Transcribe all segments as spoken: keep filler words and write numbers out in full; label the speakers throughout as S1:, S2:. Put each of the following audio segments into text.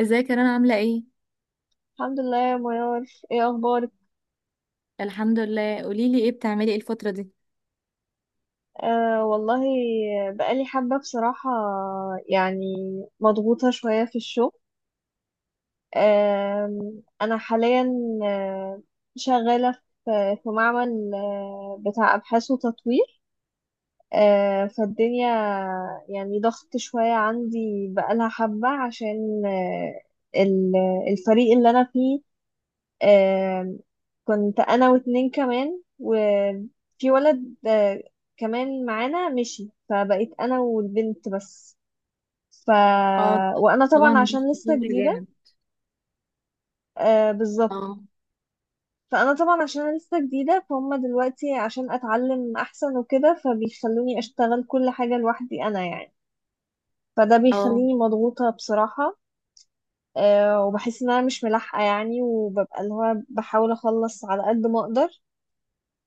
S1: ازيك، انا عامله ايه؟
S2: الحمد لله يا منار. ايه اخبارك؟
S1: الحمد لله. قولي لي ايه بتعملي ايه الفتره دي؟
S2: آه والله، بقالي حبة بصراحة، يعني مضغوطة شوية في الشغل. آه انا حاليا آه، شغالة في في معمل آه، بتاع ابحاث وتطوير. آه فالدنيا يعني ضغط شوية عندي بقالها حبة، عشان آه، ال- الفريق اللي انا فيه. آم، كنت انا واتنين كمان وفي ولد آه، كمان معانا مشي، فبقيت انا والبنت بس. ف
S1: اه،
S2: وانا طبعا
S1: طبعا دي
S2: عشان لسه
S1: شغل
S2: جديده.
S1: جامد.
S2: آه بالظبط.
S1: اه
S2: فانا طبعا عشان لسه جديده فهم دلوقتي، عشان اتعلم احسن وكده، فبيخلوني اشتغل كل حاجه لوحدي انا يعني. فده
S1: اه.
S2: بيخليني مضغوطه بصراحه. آه وبحس ان انا مش ملاحقه يعني، وببقى اللي هو بحاول اخلص على قد ما اقدر،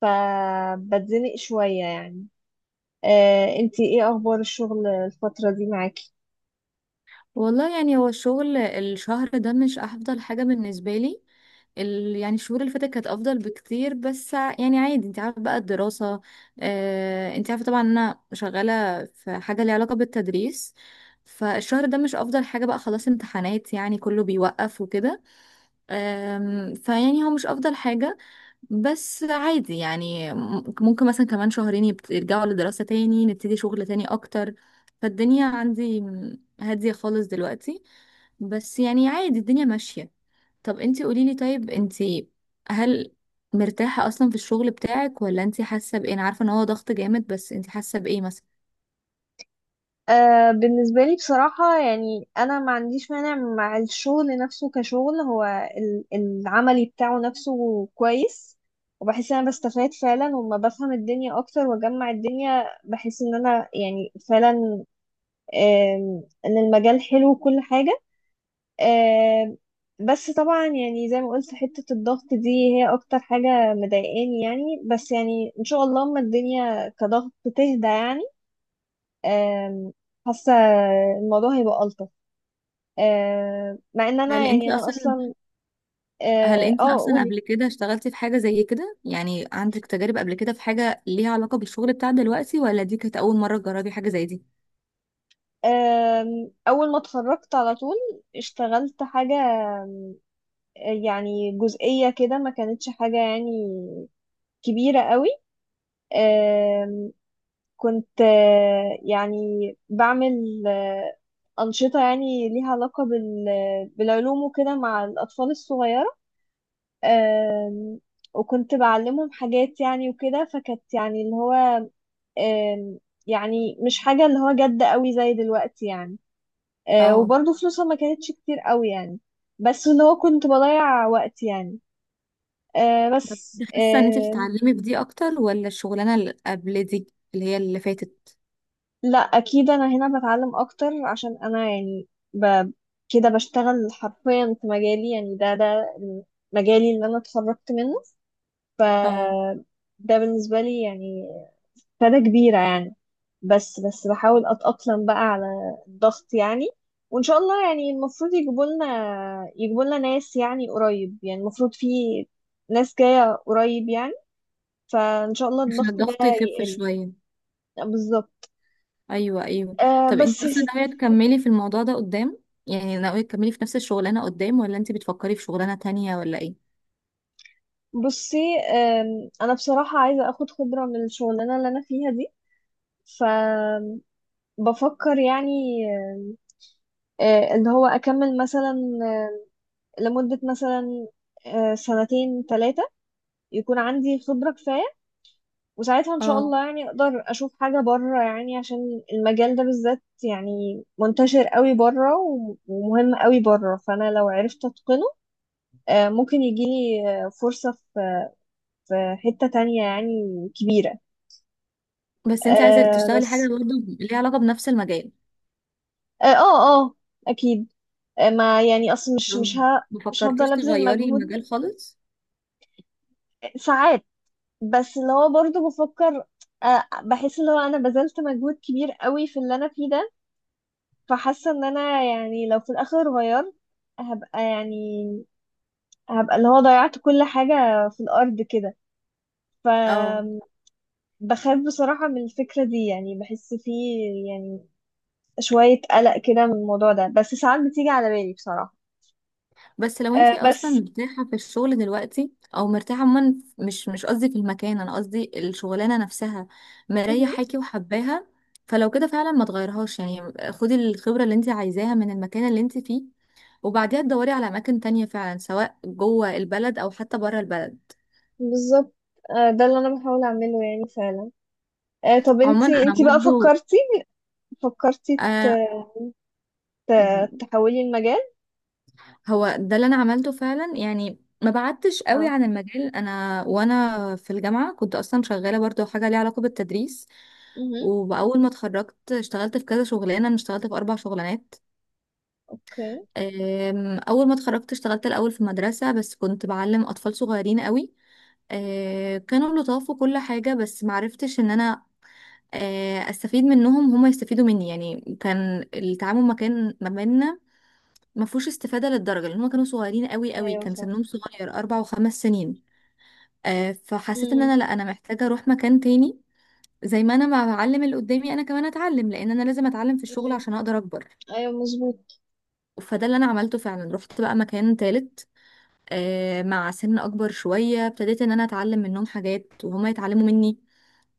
S2: فبتزنق شويه يعني. آه، انتي ايه اخبار الشغل الفترة دي معاكي؟
S1: والله يعني هو الشغل الشهر ده مش افضل حاجه بالنسبه لي. ال... يعني الشهور اللي فاتت كانت افضل بكتير، بس ع- يعني عادي انت عارفه بقى الدراسه. آه... انت عارفه طبعا ان انا شغاله في حاجه ليها علاقه بالتدريس. فالشهر ده مش افضل حاجه، بقى خلاص امتحانات يعني كله بيوقف وكده. أم، فيعني هو مش افضل حاجة. بس عادي يعني، م- ممكن مثلا كمان شهرين يبت- يرجعوا لدراسة تاني نبتدي شغل تاني اكتر. فالدنيا عندي م، هادية خالص دلوقتي، بس يعني عادي الدنيا ماشية. طب انتي قوليلي، طيب انتي، هل مرتاحة اصلا في الشغل بتاعك؟ ولا انتي حاسة بايه؟ انا عارفة ان هو ضغط جامد، بس انتي حاسة بايه مثلا؟
S2: آه، بالنسبة لي بصراحة، يعني انا ما عنديش مانع مع الشغل نفسه كشغل. هو ال- العملي بتاعه نفسه كويس، وبحس ان انا بستفاد فعلا، وما بفهم الدنيا اكتر واجمع الدنيا، بحس ان انا يعني فعلا آم، ان المجال حلو وكل حاجة. آه، بس طبعا يعني زي ما قلت، حتة الضغط دي هي أكتر حاجة مضايقاني يعني، بس يعني إن شاء الله أما الدنيا كضغط تهدى يعني، آم، حاسة الموضوع هيبقى ألطف. آم، مع إن
S1: هل
S2: أنا يعني
S1: انتي
S2: أنا
S1: اصلا
S2: أصلا،
S1: هل
S2: آه
S1: انت
S2: آه،
S1: اصلا
S2: قولي.
S1: قبل كده اشتغلتي في حاجة زي كده؟ يعني عندك تجارب قبل كده في حاجة ليها علاقة بالشغل بتاع دلوقتي؟ ولا دي كانت اول مرة تجربي حاجة زي دي؟
S2: آم، أول ما اتخرجت على طول اشتغلت حاجة، آه، يعني جزئية كده، ما كانتش حاجة يعني كبيرة قوي. كنت آه، يعني بعمل آه، أنشطة، يعني ليها علاقة بال... بالعلوم وكده مع الأطفال الصغيرة. آم، وكنت بعلمهم حاجات يعني وكده، فكانت يعني اللي هو آم، يعني مش حاجة اللي هو جد قوي زي دلوقتي يعني. آه،
S1: اه.
S2: وبرضه فلوسها ما كانتش كتير قوي يعني. بس اللي هو كنت بضيع وقت يعني. آه، بس
S1: حاسة ان انت بتتعلمي في دي اكتر ولا الشغلانة اللي قبل دي، اللي هي اللي فاتت؟
S2: لا، اكيد انا هنا بتعلم اكتر، عشان انا يعني ب... كده بشتغل حرفيا في مجالي يعني. ده ده مجالي اللي انا اتخرجت منه. ف
S1: اه.
S2: ده بالنسبه لي يعني فايده كبيره يعني. بس بس بحاول اتاقلم بقى على الضغط يعني. وان شاء الله يعني المفروض يجيبوا لنا، يجيبوا لنا ناس يعني قريب، يعني المفروض في ناس جايه قريب يعني، فان شاء الله
S1: عشان
S2: الضغط ده
S1: الضغط يخف
S2: يقل.
S1: شوية.
S2: بالظبط.
S1: ايوه، ايوه.
S2: آه
S1: طب
S2: بس
S1: انت
S2: يا
S1: اصلا
S2: ستي.
S1: ناوية تكملي في الموضوع ده قدام؟ يعني ناوية تكملي في نفس الشغلانة قدام، ولا انت بتفكري في شغلانة تانية، ولا ايه؟
S2: بصي أم، انا بصراحة عايزة اخد خبرة من الشغلانة اللي انا فيها دي، فبفكر يعني، أم، أه، اللي هو اكمل مثلا أه، لمدة مثلا أه، سنتين ثلاثة يكون عندي خبرة كفاية. وساعتها ان شاء
S1: اه.
S2: الله يعني اقدر اشوف حاجة بره يعني، عشان المجال ده بالذات يعني منتشر قوي بره و- ومهم قوي بره، فانا لو عرفت اتقنه أه، ممكن يجيلي أه، فرصة في في حتة تانية يعني كبيرة.
S1: بس انت عايزة
S2: أه
S1: تشتغلي حاجة
S2: بس،
S1: برضه ليها علاقة بنفس المجال؟
S2: اه اه، آه، اكيد. آه، ما يعني اصل مش مش ه... مش
S1: مفكرتيش
S2: هفضل ابذل
S1: تغيري
S2: مجهود
S1: المجال خالص؟
S2: ساعات. بس اللي هو برضه بفكر، آه، بحس اللي هو انا بذلت مجهود كبير قوي في اللي انا فيه ده. فحاسه ان انا يعني لو في الاخر غيرت، هبقى يعني هبقى اللي هو ضيعت كل حاجه في الارض كده.
S1: اه.
S2: فبخاف بصراحه من الفكره دي، يعني بحس فيه يعني شويه قلق كده من الموضوع ده، بس ساعات بتيجي على بالي بصراحه.
S1: بس لو
S2: آه،
S1: انتي اصلا
S2: بس
S1: مرتاحه في الشغل دلوقتي، او مرتاحه عموما، مش مش قصدي في المكان، انا قصدي الشغلانه نفسها، مريحاكي وحباها، فلو كده فعلا ما تغيرهاش. يعني خدي الخبره اللي انتي عايزاها من المكان اللي انتي فيه، وبعديها تدوري على اماكن تانية فعلا، سواء جوه البلد او حتى بره البلد.
S2: بالظبط. آه، ده اللي انا بحاول اعمله يعني فعلا. آه، طب
S1: عموما
S2: انتي
S1: انا
S2: انتي بقى
S1: برضو
S2: فكرتي فكرتي ت-
S1: آه.
S2: ت- تحولي المجال؟
S1: هو ده اللي انا عملته فعلا، يعني ما بعدتش قوي
S2: اه.
S1: عن المجال. انا وانا في الجامعه كنت اصلا شغاله برضو حاجه ليها علاقه بالتدريس.
S2: امم.
S1: واول ما اتخرجت اشتغلت في كذا شغلانه، انا اشتغلت في اربع شغلانات.
S2: اوكي.
S1: أم، اول ما اتخرجت اشتغلت الاول في مدرسه، بس كنت بعلم اطفال صغيرين قوي. أه، كانوا لطاف وكل حاجه، بس معرفتش ان انا أه، استفيد منهم هما يستفيدوا مني. يعني كان التعامل ما كان ما بيننا ما فيهوش استفادة للدرجة، لأن هما كانوا صغيرين قوي قوي،
S2: ايوه،
S1: كان سنهم
S2: فاهمة.
S1: صغير أربع وخمس سنين. آه، فحسيت إن
S2: امم.
S1: أنا لأ، أنا محتاجة أروح مكان تاني. زي ما أنا ما بعلم اللي قدامي، أنا كمان أتعلم، لأن أنا لازم أتعلم في الشغل
S2: امم.
S1: عشان أقدر أكبر.
S2: ايوه، مظبوط.
S1: فده اللي أنا عملته فعلا، رحت بقى مكان تالت. آه، مع سن أكبر شوية، ابتديت إن أنا أتعلم منهم حاجات وهما يتعلموا مني.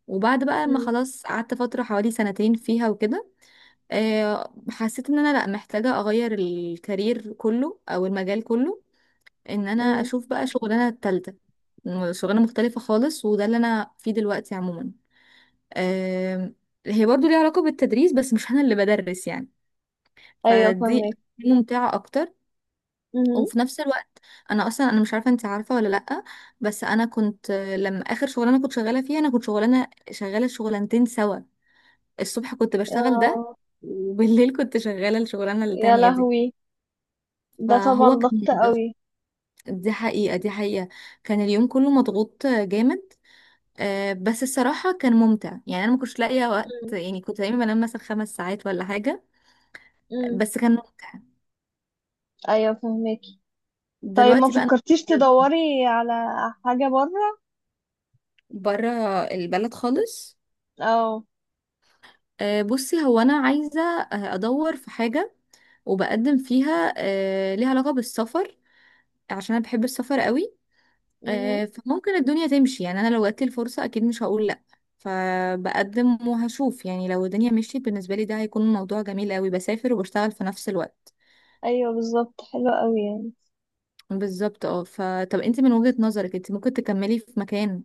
S1: وبعد بقى ما
S2: امم.
S1: خلاص قعدت فترة حوالي سنتين فيها وكده. آه، حسيت إن أنا لأ، محتاجة أغير الكارير كله أو المجال كله. ان انا
S2: امم.
S1: اشوف بقى شغلانه التالتة، م- شغلانه مختلفه خالص، وده اللي انا فيه دلوقتي. عموما آم، هي برضو ليها علاقه بالتدريس، بس مش انا اللي بدرس يعني.
S2: ايوه،
S1: فدي
S2: فاهمك.
S1: ممتعه اكتر.
S2: امم.
S1: وفي نفس الوقت، انا اصلا، انا مش عارفه انت عارفه ولا لا، بس انا كنت آه، لما اخر شغلانه كنت شغاله فيها، انا كنت شغلانه شغاله شغلانتين سوا. الصبح كنت بشتغل ده،
S2: اه،
S1: وبالليل كنت شغاله الشغلانه
S2: يا
S1: التانية دي.
S2: لهوي، ده طبعا
S1: فهو كان،
S2: ضغط قوي.
S1: دي حقيقه دي حقيقه، كان اليوم كله مضغوط جامد. آه، بس الصراحة كان ممتع. يعني أنا ما كنتش لاقية وقت،
S2: امم.
S1: يعني كنت دايما بنام مثلا خمس ساعات ولا حاجة.
S2: امم.
S1: بس كان ممتع.
S2: ايوه، فاهمك. طيب، ما
S1: دلوقتي بقى أنا
S2: فكرتيش تدوري على حاجة بره؟
S1: بره البلد خالص.
S2: اه.
S1: آه، بصي هو أنا عايزة آه، أدور في حاجة وبقدم فيها آه، ليها علاقة بالسفر، عشان أنا بحب السفر قوي.
S2: امم.
S1: آه، فممكن الدنيا تمشي. يعني أنا لو جاتلي الفرصة أكيد مش هقول لأ، فبقدم وهشوف. يعني لو الدنيا مشيت بالنسبة لي ده هيكون موضوع جميل قوي، بسافر وبشتغل في نفس الوقت.
S2: ايوه بالظبط، حلوة قوي.
S1: بالظبط. اه، فطب انت من وجهة نظرك، انت ممكن تكملي في مكان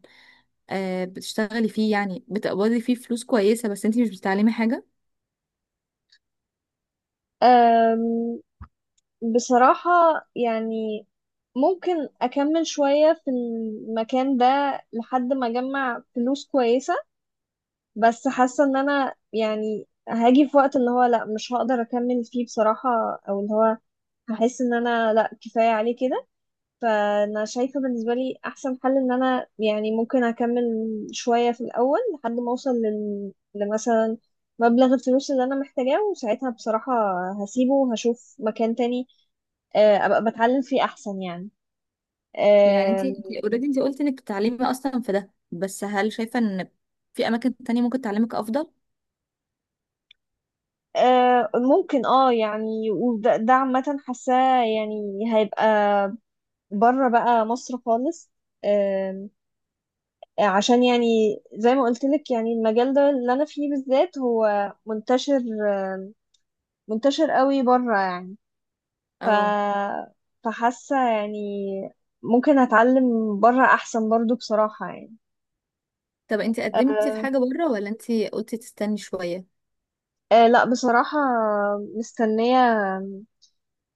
S1: آه بتشتغلي فيه، يعني بتقبضي فيه فلوس كويسة، بس انت مش بتتعلمي حاجة؟
S2: يعني بصراحة، يعني ممكن أكمل شوية في المكان ده، لحد ما أجمع فلوس كويسة، بس حاسة إن أنا يعني هاجي في وقت اللي هو لأ، مش هقدر أكمل فيه بصراحة، أو اللي هو هحس إن أنا لأ، كفاية عليه كده. فأنا شايفة بالنسبة لي أحسن حل إن أنا يعني ممكن أكمل شوية في الأول، لحد ما أوصل لل... لمثلا مبلغ الفلوس اللي أنا محتاجاه، وساعتها بصراحة هسيبه وهشوف مكان تاني. آه، ابقى بتعلم فيه احسن يعني.
S1: يعني انت،
S2: آم،
S1: اوريدي انت already انت قلتي انك بتتعلمي اصلا في ده، بس هل شايفة ان في اماكن تانية ممكن تعلمك افضل؟
S2: آه، ممكن اه يعني، وده ده عامة حاساه يعني، هيبقى بره بقى مصر خالص. آم، عشان يعني زي ما قلت لك يعني، المجال ده اللي انا فيه بالذات هو منتشر، آم، منتشر قوي بره يعني. ف
S1: اه.
S2: فحاسه يعني ممكن اتعلم بره احسن برضو بصراحة يعني.
S1: طب انت قدمتي في
S2: أه
S1: حاجة بره؟ ولا انت قلتي تستني شوية؟
S2: أه لا بصراحة، مستنية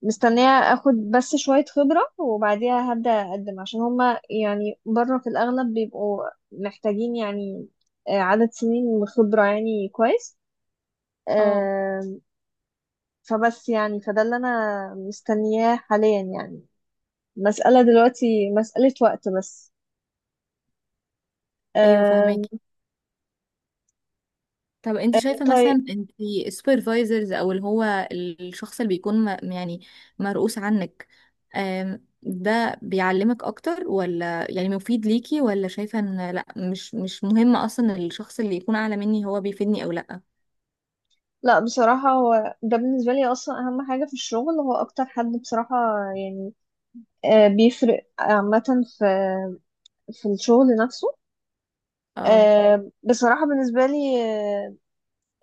S2: مستنية اخد بس شوية خبرة، وبعديها هبدأ اقدم، عشان هما يعني بره في الاغلب بيبقوا محتاجين يعني آه، عدد سنين خبرة يعني كويس.
S1: اه.
S2: آم، فبس يعني فده اللي انا مستنياه حاليا يعني، مسألة دلوقتي مسألة وقت بس.
S1: ايوه،
S2: آم،
S1: فهماكي. طب انت شايفة
S2: طيب.
S1: مثلا، انت السوبرفايزرز، او اللي هو الشخص اللي بيكون م- يعني مرؤوس عنك، آم، ده بيعلمك اكتر؟ ولا يعني مفيد ليكي؟ ولا شايفة ان لا مش مش مهم اصلا الشخص اللي يكون اعلى مني هو بيفيدني او لا؟
S2: لا بصراحة، هو ده بالنسبة لي أصلا أهم حاجة في الشغل، هو أكتر حد بصراحة يعني آه، بيفرق عامة في في الشغل نفسه.
S1: اه.
S2: آه، بصراحة بالنسبة لي، آه،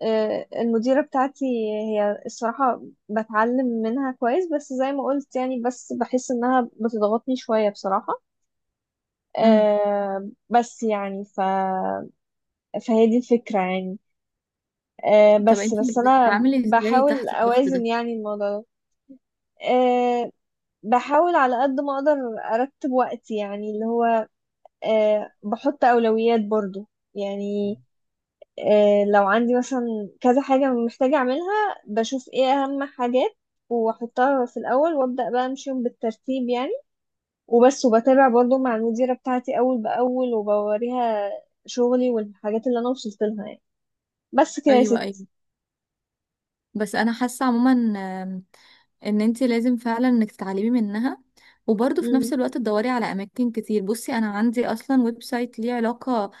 S2: آه، المديرة بتاعتي هي الصراحة بتعلم منها كويس، بس زي ما قلت يعني، بس بحس انها بتضغطني شوية بصراحة.
S1: امم.
S2: آه، بس يعني ف... فهي دي الفكرة يعني. آه،
S1: طب
S2: بس
S1: انت
S2: بس انا
S1: بتتعاملي ازاي
S2: بحاول
S1: تحت الضغط
S2: اوازن
S1: ده؟
S2: يعني الموضوع ده. آه، بحاول على قد ما اقدر ارتب وقتي يعني، اللي هو آه، بحط اولويات برضو يعني، آه، لو عندي مثلا كذا حاجة محتاجة أعملها، بشوف إيه أهم حاجات وأحطها في الأول، وأبدأ بقى أمشيهم بالترتيب يعني، وبس وبتابع برضو مع المديرة بتاعتي أول بأول، وبوريها شغلي والحاجات اللي أنا وصلت لها يعني. بس كده يا
S1: ايوه، ايوه.
S2: ستي.
S1: بس انا حاسه عموما آم، ان انت لازم فعلا انك تتعلمي منها، وبرضه في
S2: مم.
S1: نفس الوقت تدوري على اماكن كتير. بصي انا عندي اصلا ويب سايت ليه علاقه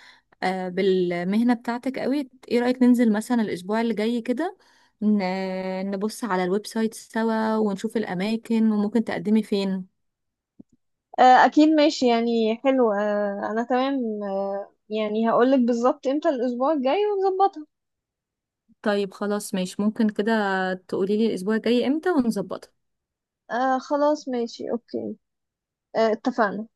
S1: آه، بالمهنه بتاعتك قوي. ايه رايك ننزل مثلا الاسبوع اللي جاي كده، ن- نبص على الويب سايت سوا ونشوف الاماكن، وممكن تقدمي فين؟
S2: آه، أكيد ماشي يعني حلو، آه، أنا تمام، آه، يعني هقولك بالظبط إمتى الأسبوع الجاي ونظبطها.
S1: طيب، خلاص ماشي. ممكن كده تقولي لي الاسبوع الجاي امتى ونظبطها؟
S2: آه خلاص ماشي أوكي. آه اتفقنا.